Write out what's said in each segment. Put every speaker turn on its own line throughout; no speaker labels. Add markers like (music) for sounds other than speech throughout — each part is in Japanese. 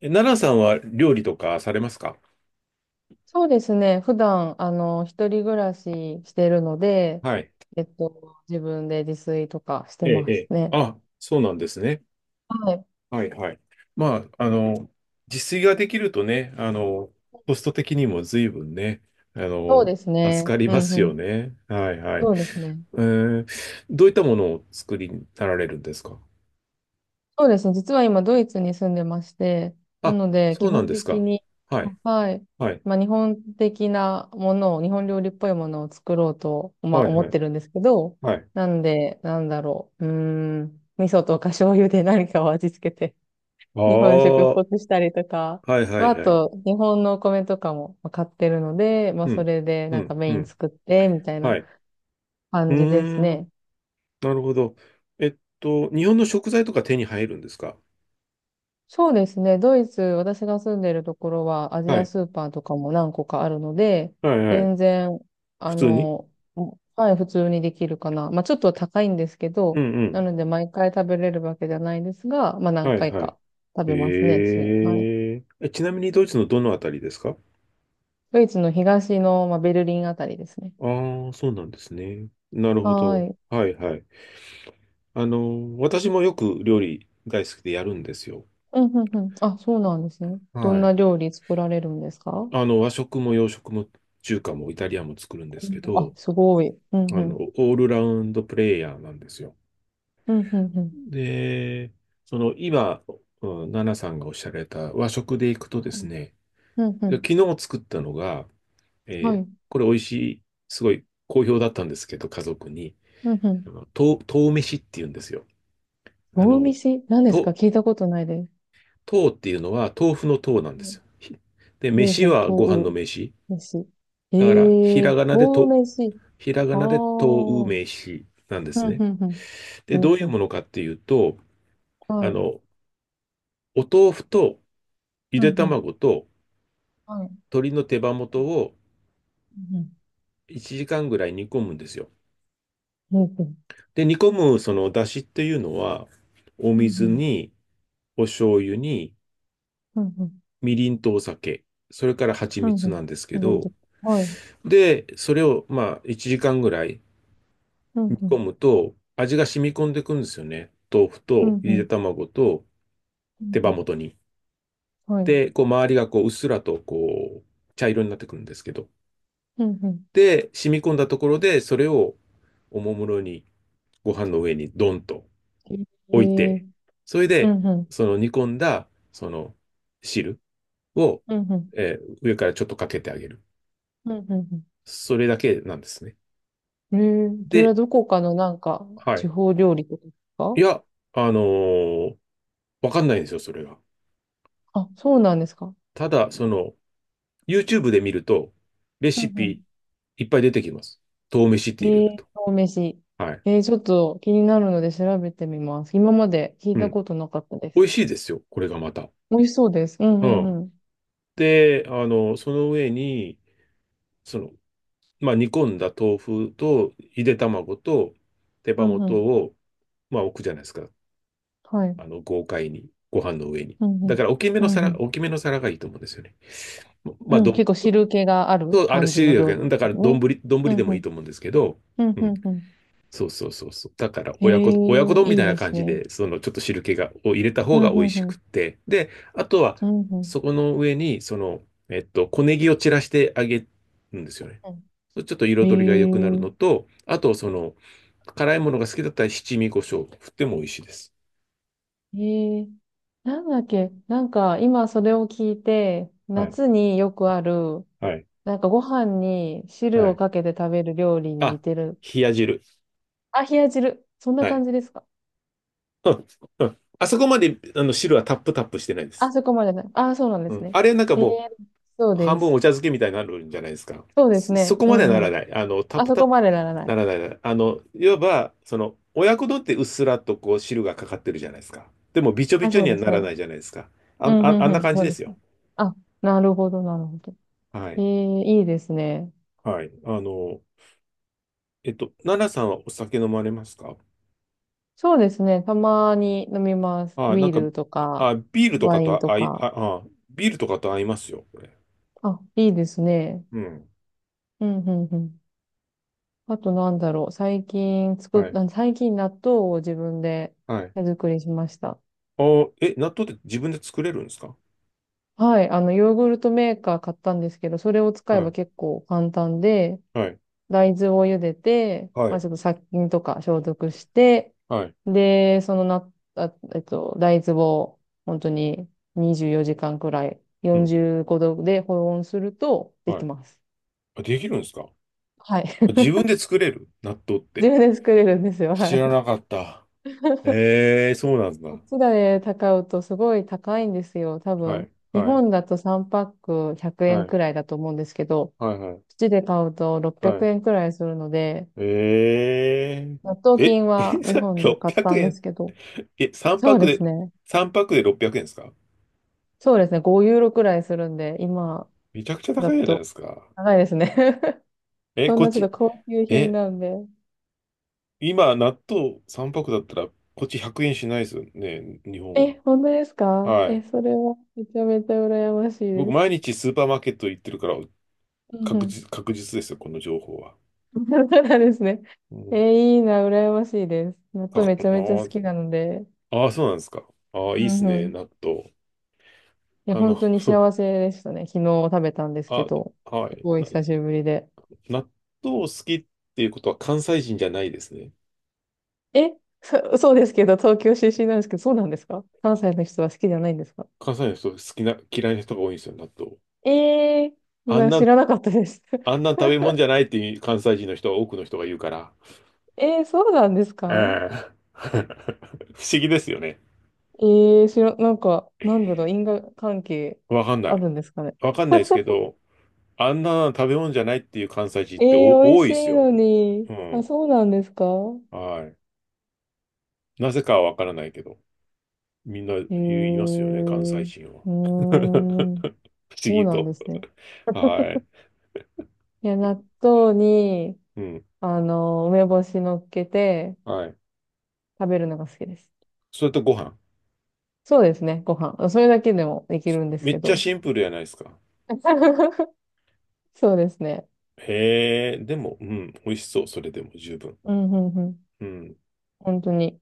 奈良さんは料理とかされますか？
そうですね。普段、一人暮らししてるので、
はい。
自分で自炊とかして
ええ、え
ます
え。
ね。
あ、そうなんですね。
はい。
はいはい。まあ、自炊ができるとね、コスト的にも随分ね、あ
そう
の、
です
助
ね。
かり
う
ま
んう
すよ
ん。
ね。はいはい。
そうですね。
えーどういったものを作りになられるんですか？
そうですね。実は今、ドイツに住んでまして、な
あ、
ので、
そ
基
うなん
本
です
的
か。
に、
はい。
はい。
はい。
まあ、日本的なものを、日本料理っぽいものを作ろうと、まあ、
はい
思
は
っ
い。
てるんですけど、
はい。
なんで、なんだろう。うーん。味噌とか醤油で何かを味付けて
あ
日本食っ
あ、は
ぽくしたりとか、
いはい
まあ、あ
はい。
と、日本のお米とかも買ってるので、まあ、
う
そ
ん。
れで
う
なんか
ん。
メ
う
イン
ん。
作って、みたい
は
な
い。う
感じです
ー
ね。
なるほど。日本の食材とか手に入るんですか？
そうですね。ドイツ、私が住んでるところは、アジ
は
ア
い。
スーパーとかも何個かあるので、
はいはい。
全然、あ
普通に。
の、はい、普通にできるかな。まあ、ちょっと高いんですけ
う
ど、
んう
な
ん。
ので、毎回食べれるわけじゃないですが、まあ、何
はい
回
はい。
か食べますね、
え
週に。はい。
ーえ。ちなみにドイツのどのあたりですか？
ドイツの東の、まあ、ベルリンあたりですね。
ああ、そうなんですね。なるほ
は
ど。
い。
はいはい。私もよく料理大好きでやるんですよ。
うん、うん、うん。あ、そうなんですね。どん
は
な
い。
料理作られるんですか？
和食も洋食も中華もイタリアンも作るんで
う
すけ
んあ、
ど、
すごい。うん、うん。
オールラウンドプレイヤーなんですよ。
うん、うん、うん。
で、その今、うん、ナナさんがおっしゃられた和食で行くとですね、
うん、うん。
昨日作ったのが、
は
え
い。
ー
う
これ美味しい、すごい好評だったんですけど、家族に、
ん、うん。
とう飯って言うんですよ。あ
豆
の、
飯何ですか？
と、
聞いたことないです。
とうっていうのは豆腐のとうなんですよ。で、
ほう
飯はご飯
ほ
の
う、
飯。
豆飯。え
だから、
えー、豆飯。
ひらが
ああ。う
なでとう
ん、
飯なんで
う
すね。
ん、うん。
で、
ほう
どうい
ほ
う
う。
ものかっていうと、
は
あ
い。
の、お豆腐とゆ
う
で
ん、うん。
卵と
はい。
鶏の手羽元を
うん、うん。
1時間ぐらい煮込むんですよ。
ほうほう。
で、煮込むその出汁っていうのは、お
うん、
水
うん。
に、お醤油に、
うん、うん。
みりんとお酒、それから蜂
うん、うん。
蜜なんですけ
なるほ
ど、
ど。はい。
で、それをまあ1時間ぐらい
う
煮
ん、う
込
ん。
むと、味が染み込んでいくんですよね。豆腐
う
と
ん、
ゆ
う
で
ん。
卵と
う
手羽
ん
元に。
うん。はい。
で、こう周りがこううっすらとこう茶色になってくるんですけど。
うん、うんうんううんうんうんうんうんうんはいうんうんうんうんうんうんはいうんうん
で、染み込んだところで、それをおもむろにご飯の上にドンと
え
置い
え
て、それ
う
で、
んうん、
その煮込んだ、その汁を、
うんうん、
上からちょっとかけてあげる。
うんうん
それだけなんですね。
うん。ええ、それ
で、
はどこかのなんか、
は
地
い。
方料理とかですか？
いや、あのーわかんないんですよ、それが。
あ、そうなんですか？
ただ、YouTube で見ると、レ
うん
シ
う
ピ
ん。
いっぱい出てきます。豆飯って入れ
え
る
え、
と。
お飯。
はい。
ええ、ちょっと気になるので調べてみます。今まで聞
う
いた
ん。
ことなかったで
美
す。
味しいですよ、これがまた。
美味しそうです。うん
う
うん
ん。
うん。
で、その上に、その、煮込んだ豆腐と、ゆで卵と、手
う
羽
んう
元
ん。
を置くじゃないですか。
はい。
豪快に、ご飯の上に。
うんう
だか
ん。
ら大きめ
う
の
んう
皿、
ん。
大きめの皿がいいと思うんですよね。まあ、
うん、
どん、
結構汁気がある
そう、ある
感じ
し、
の料理で
だから
す
丼、
ね。う
丼
ん
でも
う
いいと
ん。
思うんですけど、
うん
う
う
ん、
んうん。
そうそうそうそう。だから
え
親子
え、
丼み
い
た
い
いな
です
感じ
ね。
で、そのちょっと汁気を入れた
う
方
ん
が美
う
味
ん
し
う
く
ん。
って。で、あとは、
うん
そこの上に、小ネギを散らしてあげるんですよね。
うん。
そう、ちょっと
へ
彩りが良くなる
え。
のと、あと、辛いものが好きだったら七味胡椒振っても美味しいです。
えー、なんだっけ、なんか今それを聞いて、
はい、
夏によくある、
はい、
なんかご飯に汁
は
を
い。
かけて食べる料理に似
あ、
てる。
冷や汁。
あ、冷や汁。そんな
はい。
感じですか？
うんうん、あそこまであの汁はタップタップしてないです。
あ、そこまでない。あ、そうなんで
う
す
ん。
ね。
あれなんか
えー、
も
そう
う半
で
分お
す。
茶漬けみたいになるんじゃないですか。
そうです
そ、そ
ね。
こ
う
までは
ん
な
う
ら
ん。
ない。タッ
あ、
プ
そ
タッ
こ
プ
までならな
な
い。
らないならない。いわば、親子丼ってうっすらとこう汁がかかってるじゃないですか。でもびちょび
あ、
ちょ
そう
には
です
ならな
ね。
いじゃないですか。
う
あ、
ん
あ、
う
あ
ん
ん
う
な
ん。
感
そ
じ
う
で
で
す
す
よ。
ね。あ、なるほど、なるほど。
はい。
いいですね。
はい。奈々さんはお酒飲まれますか？
そうですね。たまに飲みます。
あ、なん
ビー
か、
ルとか、
あ、ビールとか
ワイン
と
と
あ、あい、
か。
あ、あ、ビールとかと合いますよ、これ。
あ、いいですね。
うん。
うん、うん、うん。あとなんだろう。最近作っ
はい。
た、最近納豆を自分で
はい。
手作りしました。
ああ、納豆って自分で作れるんですか？
はい。ヨーグルトメーカー買ったんですけど、それを使えば
は
結構簡単で、
い。はい。
大豆を茹でて、
は
まあ、
い。
ちょっと殺菌とか消毒して、
はい。
で、そのな、あ、えっと、大豆を本当に24時間くらい
うん。
45度で保温するとで
は
き
い。
ます。
あ、できるんですか？
はい。
あ、
(laughs)
自分で作れる納豆っ
自
て。
分で作れるんですよ。
知
は
ら
い。
なかった。ええ、そうなん
こ
だ。
っちで高うとすごい高いんですよ。多
は
分。
い。
日
はい。
本だと3パック100円くえ
は
ん
い。
くらいだと思うんですけど、こ
はい。は
っ
い。
ちで買うと
は
600
い
円くえんくらいするので、
え
納豆菌は
(laughs)
日本で買っ
600
たんで
円
すけど、
3
そう
泊
です
で、
ね。
600円ですか？
そうですね、5ユーロくらいするんで、今
めちゃくちゃ高
だ
いじゃない
と
ですか。
高いですね。(laughs)
え、
そん
こっ
なちょっと
ち、
高級品
え、
なんで。
今、納豆3泊だったら、こっち100円しないですよね、日本
え、
は。
本当ですか？
は
え、
い。
それはめちゃめちゃ羨ましい
僕、
です。
毎日スーパーマーケット行ってるから、
うんうん。
確実ですよ、この情報は。
(laughs) そうなんですね。
うん、か
え、いいな、羨ましいです。納
あ
豆
あ
めちゃめちゃ好き
ー、
なので。
あーそうなんですか。ああ、い
う
いっす
んう
ね、
ん。
納豆。
いや、
あ
本
の、
当に幸せでしたね。昨日食べたんで
(laughs)
すけ
あ、
ど、
は
す
い。
ごい久しぶりで。
納豆好きっていうことは関西人じゃないですね。
え、そうですけど、東京出身なんですけど、そうなんですか？関西の人は好きじゃないんですか？
関西の人好きな、嫌いな人が多いんですよ、納豆。
ええー、
あん
知
な、
らなかったです。
あ
(laughs)
んな食べ物じゃないっていう関西人の人は多くの人が言うから。
そうなんですか？
ええ、 (laughs) 不思議ですよね。
えなんか、なんだろう、因果関係
わかんな
あ
い。
るんですかね。
わかんないですけど、あんなの食べ物じゃないっていう関西人って
美味
多い
し
です
い
よ。
のに。
う
あ、
ん。
そうなんですか？
はい。なぜかはわからないけど、みんな
え
言いますよね、関西
ー、う
人は。
ー
(laughs)
ん、
不思
そう
議
なん
と。
ですね。
はい。
いや、納豆に、
うん。
梅干し乗っけて
はい。
食べるのが好きです。
それとご飯。
そうですね、ご飯。それだけでもできるんです
め
け
っちゃ
ど。
シンプルじゃないですか。
(laughs) そうですね。
へえ、でも、うん、美味しそう。それでも十分。
うん、うん、うん。
うん。
本当に。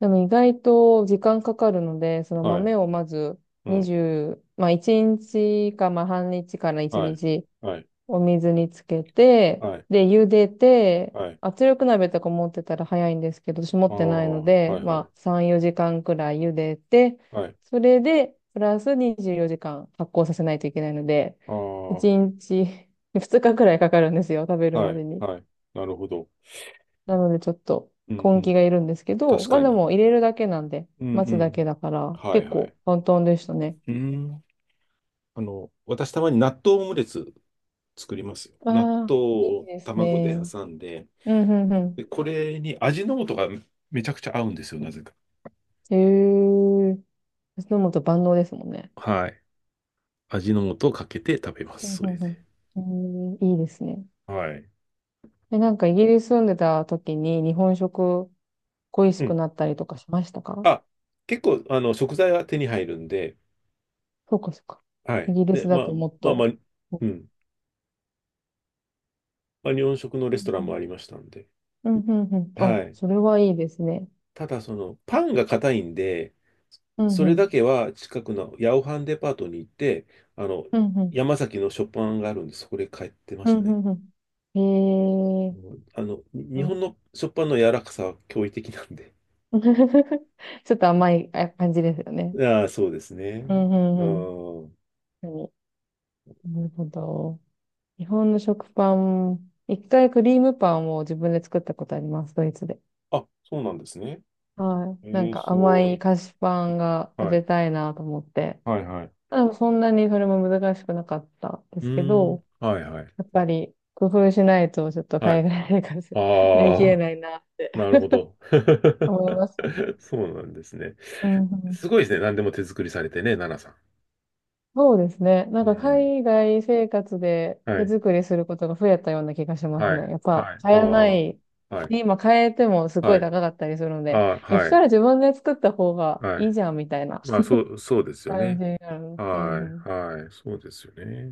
でも意外と時間かかるので、その
はい。
豆をまず
うん。
20、まあ1日かまあ半日から1
はい。
日
はい。
お水につけて、
はい。
で、茹でて、
はい。
圧力鍋とか持ってたら早いんですけど、私持
あ
ってない
あ、
の
は
で、
いはい。
まあ3、4時間くらい茹でて、
はい。
それで、プラス24時間発酵させないといけないので、
ああ、は
1日、2日くらいかかるんですよ、食べ
い。
るまでに。
はい。なるほど。
なのでちょっと
うんう
根気
ん。
がいるんですけど、
確
まあ
か
で
に。
も入れるだけなんで、
うん
待
う
つだ
ん。
けだから、
はい
結
はい。
構簡単でしたね。
うーん。私たまに納豆オムレツ作りますよ。
あ
納
あ、
豆
いい
を
です
卵で
ね。
挟んで、
うん、うん、う
で、
ん。
これに味の素がめちゃくちゃ合うんですよ、なぜか。
へえ。飲むと万能ですもんね。
はい。味の素をかけて食べま
うん、う
す、それ
ん、う
で。
ん。うん、いいですね。
はい。
え、なんかイギリス住んでた時に日本食恋し
う
く
ん。
なったりとかしましたか？
あ、結構、食材は手に入るんで、
そうか、そうか。
は
イ
い。
ギリス
で、
だともっ
まあまあ、
と。う
うん。日本食のレストランも
ん、
ありましたんで、
うん、うん。うんうんうんあ、
はい。
それはいいですね。
ただパンが硬いんで、
うん、
そ
う
れだ
ん。
けは近くの八百半デパートに行って、あの、
うん、うん。
山崎の食パンがあるんで、そこで買ってま
う
し
ん、
た
う
ね。
ん、うん。へえ。
もう
う
日本
ん。
の食パンの柔らかさは驚異的なんで。
(laughs) ちょっと甘い感じですよね。
(laughs) ああ、そうですね。
うん、
う
うん、うん。
ん。
確かに、なるほど。日本の食パン、一回クリームパンを自分で作ったことあります、ドイツで。
あ、そうなんですね。
はい。な
え
ん
え、
か
す
甘
ご
い
い。
菓子パンが食
はい。
べたいなと思って。
はいはい。
そんなにそれも難しくなかったで
う
すけ
ーん。
ど、
はいはい。
やっぱり工夫しないとちょっと
は
海
い。
外生活乗り切れ
ああ、
ない (laughs) なって
なるほど。
思いますね。
(laughs) そうなんですね。
うんう
す
ん、
ごいですね。何でも手作りされてね、奈々さん。
そうですね。なん
う
か
ん。
海外生活で
は
手
い。
作りすることが増えたような気がします
はい。
ね。やっぱ
はい。
買
あ
えないし。
あ。はい。
今買えてもすご
は
い
い。
高かったりするの
あ
で、
あ、
いや、そ
は
した
い。
ら自分で作った方が
は
いい
い。
じゃんみたいな
そうで
(laughs)
すよ
感
ね。
じになる。うん
は
うん
い。はい。そうですよね。